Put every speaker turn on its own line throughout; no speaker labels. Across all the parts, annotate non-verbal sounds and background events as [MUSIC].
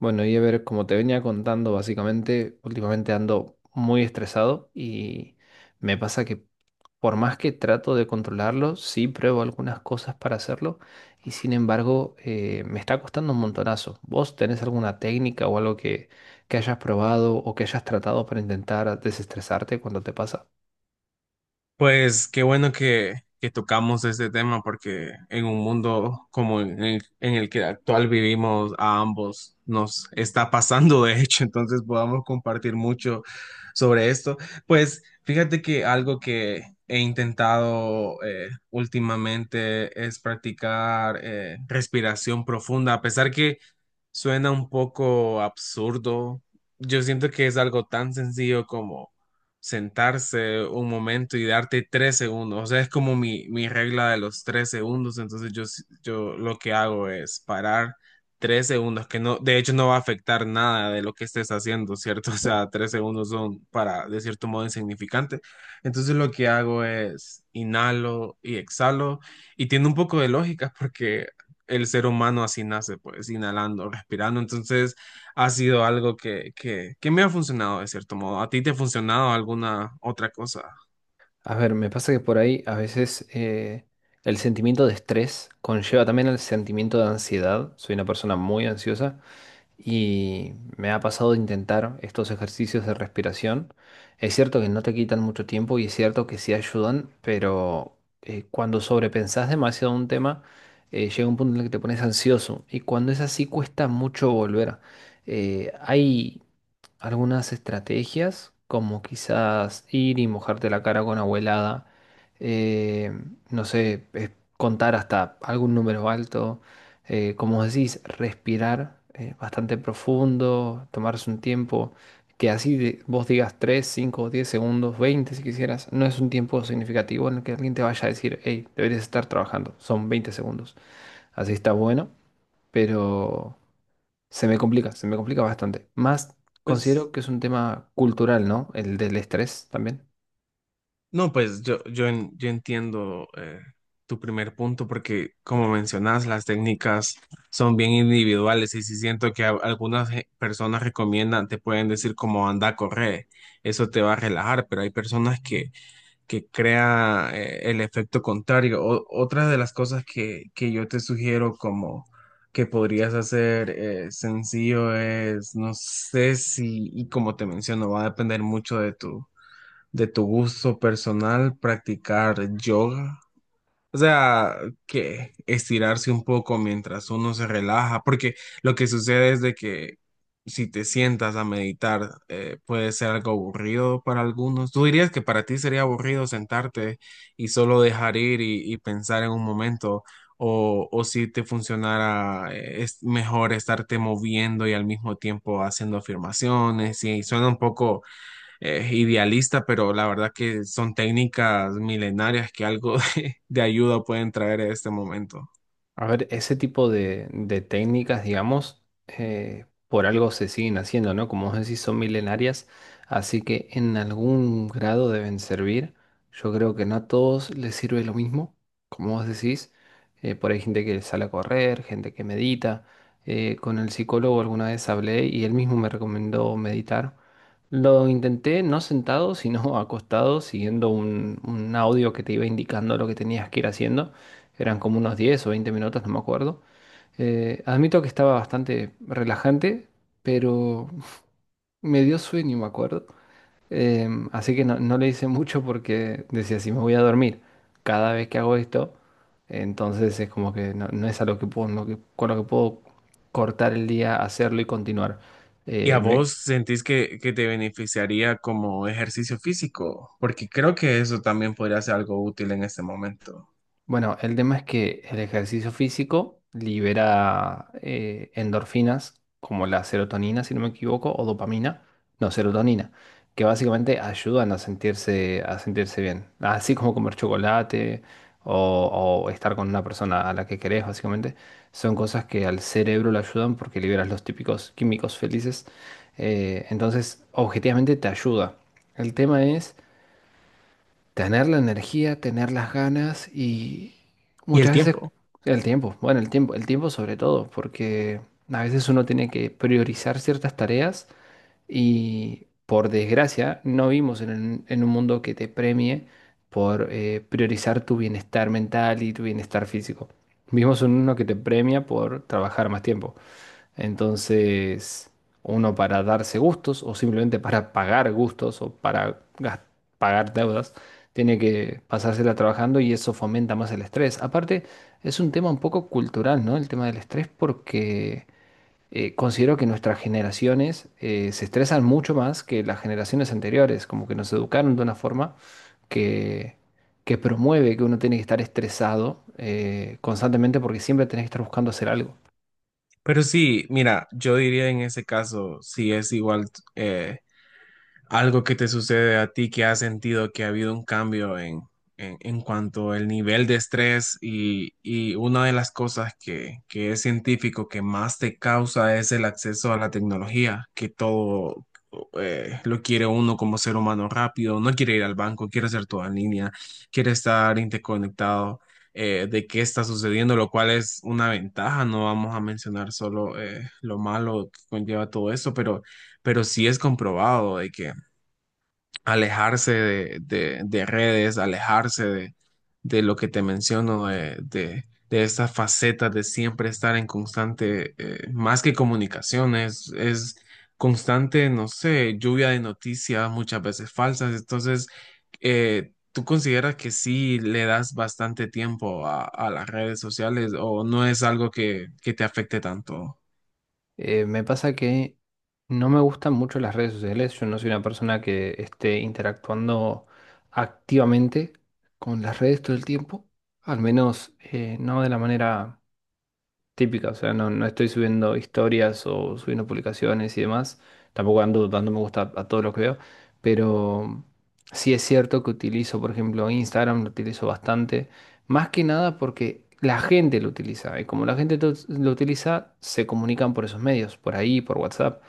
Bueno, y a ver, como te venía contando, básicamente, últimamente ando muy estresado y me pasa que por más que trato de controlarlo, sí pruebo algunas cosas para hacerlo y sin embargo me está costando un montonazo. ¿Vos tenés alguna técnica o algo que hayas probado o que hayas tratado para intentar desestresarte cuando te pasa?
Pues qué bueno que tocamos este tema porque en un mundo como en el que actual vivimos a ambos nos está pasando de hecho, entonces podamos compartir mucho sobre esto. Pues fíjate que algo que he intentado últimamente es practicar respiración profunda, a pesar que suena un poco absurdo, yo siento que es algo tan sencillo sentarse un momento y darte tres segundos. O sea, es como mi regla de los tres segundos. Entonces yo lo que hago es parar tres segundos, que no, de hecho no va a afectar nada de lo que estés haciendo, ¿cierto? [LAUGHS] O sea, tres segundos son para, de cierto modo, insignificante. Entonces lo que hago es inhalo y exhalo. Y tiene un poco de lógica porque el ser humano así nace, pues, inhalando, respirando. Entonces ha sido algo que me ha funcionado de cierto modo. ¿A ti te ha funcionado alguna otra cosa?
A ver, me pasa que por ahí a veces el sentimiento de estrés conlleva también el sentimiento de ansiedad. Soy una persona muy ansiosa. Y me ha pasado de intentar estos ejercicios de respiración. Es cierto que no te quitan mucho tiempo y es cierto que sí ayudan, pero cuando sobrepensás demasiado un tema, llega un punto en el que te pones ansioso y cuando es así cuesta mucho volver. Hay algunas estrategias, como quizás ir y mojarte la cara con agua helada, eh, no sé, contar hasta algún número alto, como decís, respirar bastante profundo, tomarse un tiempo, que así vos digas 3 5 10 segundos, 20 si quisieras, no es un tiempo significativo en el que alguien te vaya a decir, hey, deberías estar trabajando, son 20 segundos, así está bueno, pero... se me complica bastante. Más
Pues
considero que es un tema cultural, ¿no? El del estrés también.
no, pues yo, en- Yo entiendo tu primer punto porque como mencionas, las técnicas son bien individuales y si siento que personas recomiendan, te pueden decir como anda, corre, eso te va a relajar, pero hay personas que crea el efecto contrario. Otra de las cosas que yo te sugiero como que podrías hacer sencillo es, no sé si, y como te menciono, va a depender mucho de tu gusto personal, practicar yoga. O sea, que estirarse un poco mientras uno se relaja, porque lo que sucede es de que si te sientas a meditar, puede ser algo aburrido para algunos. ¿Tú dirías que para ti sería aburrido sentarte y solo dejar ir y pensar en un momento? O si te funcionara, es mejor estarte moviendo y al mismo tiempo haciendo afirmaciones, y suena un poco idealista, pero la verdad que son técnicas milenarias que algo [LAUGHS] de ayuda pueden traer en este momento.
A ver, ese tipo de técnicas, digamos, por algo se siguen haciendo, ¿no? Como vos decís, son milenarias, así que en algún grado deben servir. Yo creo que no a todos les sirve lo mismo, como vos decís. Por ahí gente que sale a correr, gente que medita. Con el psicólogo alguna vez hablé y él mismo me recomendó meditar. Lo intenté no sentado, sino [LAUGHS] acostado, siguiendo un audio que te iba indicando lo que tenías que ir haciendo. Eran como unos 10 o 20 minutos, no me acuerdo. Admito que estaba bastante relajante, pero [LAUGHS] me dio sueño, me acuerdo. Así que no, no le hice mucho porque decía, si me voy a dormir cada vez que hago esto, entonces es como que no, no es algo que puedo, no que- con lo que puedo cortar el día, hacerlo y continuar.
¿Y a
Eh, me-
vos sentís que te beneficiaría como ejercicio físico? Porque creo que eso también podría ser algo útil en este momento.
Bueno, el tema es que el ejercicio físico libera endorfinas como la serotonina, si no me equivoco, o dopamina, no, serotonina, que básicamente ayudan a sentirse bien. Así como comer chocolate o estar con una persona a la que querés, básicamente, son cosas que al cerebro le ayudan porque liberas los típicos químicos felices. Entonces, objetivamente te ayuda. El tema es tener la energía, tener las ganas y
Y el
muchas veces
tiempo.
el tiempo. Bueno, el tiempo sobre todo, porque a veces uno tiene que priorizar ciertas tareas y por desgracia no vivimos un en un mundo que te premie por priorizar tu bienestar mental y tu bienestar físico. Vivimos en uno que te premia por trabajar más tiempo. Entonces, uno para darse gustos o simplemente para pagar gustos o para pagar deudas, tiene que pasársela trabajando y eso fomenta más el estrés. Aparte, es un tema un poco cultural, ¿no? El tema del estrés porque considero que nuestras generaciones se estresan mucho más que las generaciones anteriores, como que nos educaron de una forma que... que promueve que uno tiene que estar estresado constantemente porque siempre tenés que estar buscando hacer algo.
Pero sí, mira, yo diría en ese caso, si es igual eh, algo que te sucede a ti que has sentido que ha habido un cambio en cuanto al nivel de estrés y una de las cosas que es científico que más te causa es el acceso a la tecnología, que todo lo quiere uno como ser humano rápido, no quiere ir al banco, quiere hacer todo en línea, quiere estar interconectado. De qué está sucediendo, lo cual es una ventaja, no vamos a mencionar solo lo malo que conlleva todo eso, pero sí es comprobado de que alejarse de redes, alejarse de lo que te menciono, de esta faceta de siempre estar en constante, más que comunicación, es constante, no sé, lluvia de noticias muchas veces falsas. Entonces, ¿tú consideras que sí le das bastante tiempo a las redes sociales o no es algo que te afecte tanto?
Me pasa que no me gustan mucho las redes sociales. Yo no soy una persona que esté interactuando activamente con las redes todo el tiempo. Al menos no de la manera típica, o sea, no, no estoy subiendo historias o subiendo publicaciones y demás, tampoco ando dando me gusta a todo lo que veo, pero sí es cierto que utilizo, por ejemplo, Instagram, lo utilizo bastante, más que nada porque la gente lo utiliza, y como la gente lo utiliza, se comunican por esos medios, por ahí, por WhatsApp.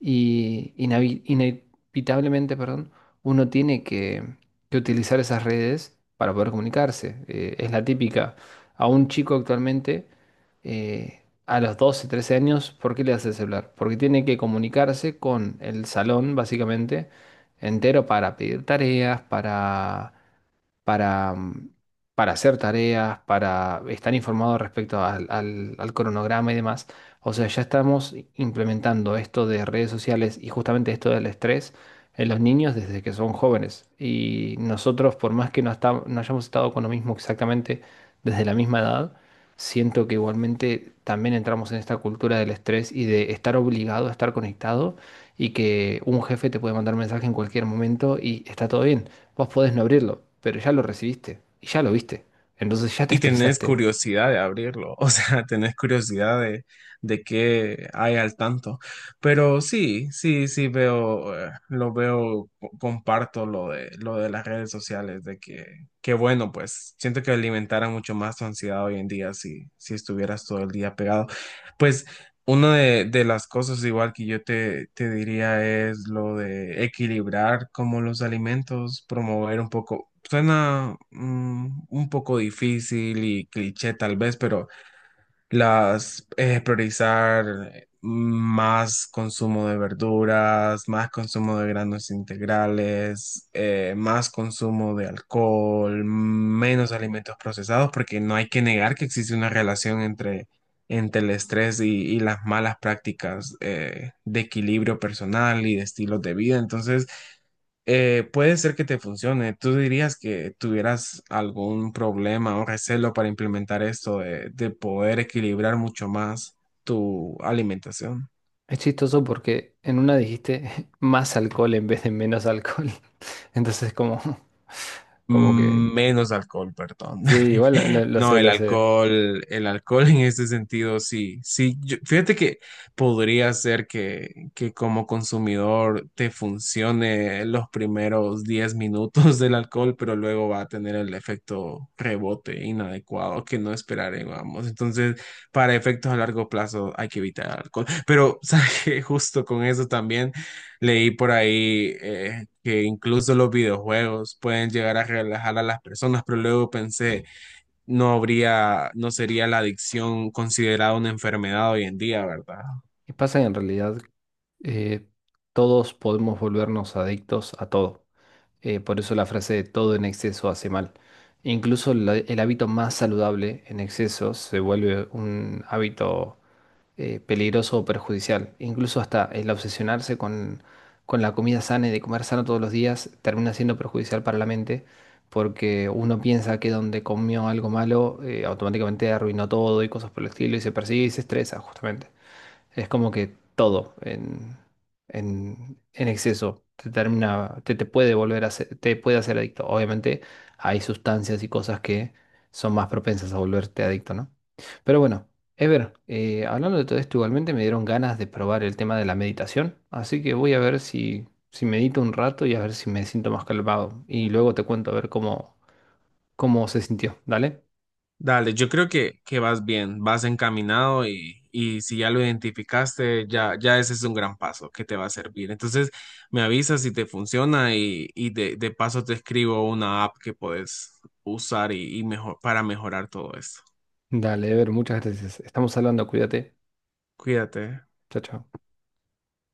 Y inevitablemente, perdón, uno tiene que utilizar esas redes para poder comunicarse. Es la típica. A un chico actualmente, a los 12, 13 años, ¿por qué le hace el celular? Porque tiene que comunicarse con el salón, básicamente, entero para pedir tareas, para para, mm, para hacer tareas, para estar informado respecto al cronograma y demás. O sea, ya estamos implementando esto de redes sociales y justamente esto del estrés en los niños desde que son jóvenes. Y nosotros, por más que no hayamos estado con lo mismo exactamente desde la misma edad, siento que igualmente también entramos en esta cultura del estrés y de estar obligado a estar conectado y que un jefe te puede mandar mensaje en cualquier momento y está todo bien. Vos podés no abrirlo, pero ya lo recibiste y ya lo viste. Entonces ya te
Y tenés
estresaste.
curiosidad de abrirlo, [LAUGHS] o sea, tenés curiosidad de qué hay al tanto. Pero sí, sí, sí veo, lo veo, comparto lo de las redes sociales, de que bueno, pues siento que alimentara mucho más tu ansiedad hoy en día si, si estuvieras todo el día pegado. Pues una de las cosas igual que yo te diría es lo de equilibrar como los alimentos, promover un poco, suena un poco difícil y cliché tal vez, pero las priorizar más consumo de verduras, más consumo de granos integrales, más consumo de alcohol, menos alimentos procesados, porque no hay que negar que existe una relación entre, entre el estrés y las malas prácticas de equilibrio personal y de estilos de vida. Entonces, puede ser que te funcione. ¿Tú dirías que tuvieras algún problema o recelo para implementar esto de poder equilibrar mucho más tu alimentación?
Es chistoso porque en una dijiste [LAUGHS] más alcohol en vez de menos alcohol. [LAUGHS] Entonces como, como que...
Menos alcohol, perdón.
Sí, igual lo
No,
sé, lo sé.
el alcohol [LAUGHS] en este sentido, sí, sí, yo- fíjate que podría ser que como consumidor te funcione los primeros 10 minutos [LAUGHS] del alcohol, pero luego va a tener el efecto rebote inadecuado que no esperábamos. Entonces, para efectos a largo plazo hay que evitar el alcohol. Pero, [LAUGHS] ¿sabes qué? Justo con eso también leí por ahí que incluso los videojuegos pueden llegar a relajar a las personas, pero luego pensé no habría, no sería la adicción considerada una enfermedad hoy en día, ¿verdad?
Y pasa que en realidad eh, todos podemos volvernos adictos a todo. Por eso la frase de todo en exceso hace mal. Incluso el hábito más saludable en exceso se vuelve un hábito peligroso o perjudicial. Incluso hasta el obsesionarse con la comida sana y de comer sano todos los días termina siendo perjudicial para la mente, porque uno piensa que donde comió algo malo, automáticamente arruinó todo y cosas por el estilo y se persigue y se estresa, justamente. Es como que todo en exceso te termina, te puede volver a hacer, te puede hacer adicto. Obviamente hay sustancias y cosas que son más propensas a volverte adicto, ¿no? Pero bueno, Ever, hablando de todo esto, igualmente me dieron ganas de probar el tema de la meditación, así que voy a ver si, si medito un rato y a ver si me siento más calmado. Y luego te cuento a ver cómo, cómo se sintió. Dale.
Dale, yo creo que vas bien, vas encaminado y si ya lo identificaste, ya, ya ese es un gran paso que te va a servir. Entonces, me avisas si te funciona y de paso te escribo una app que puedes usar y mejor, para mejorar todo esto.
Dale, Ever, muchas gracias. Estamos hablando, cuídate.
Cuídate.
Chao, chao.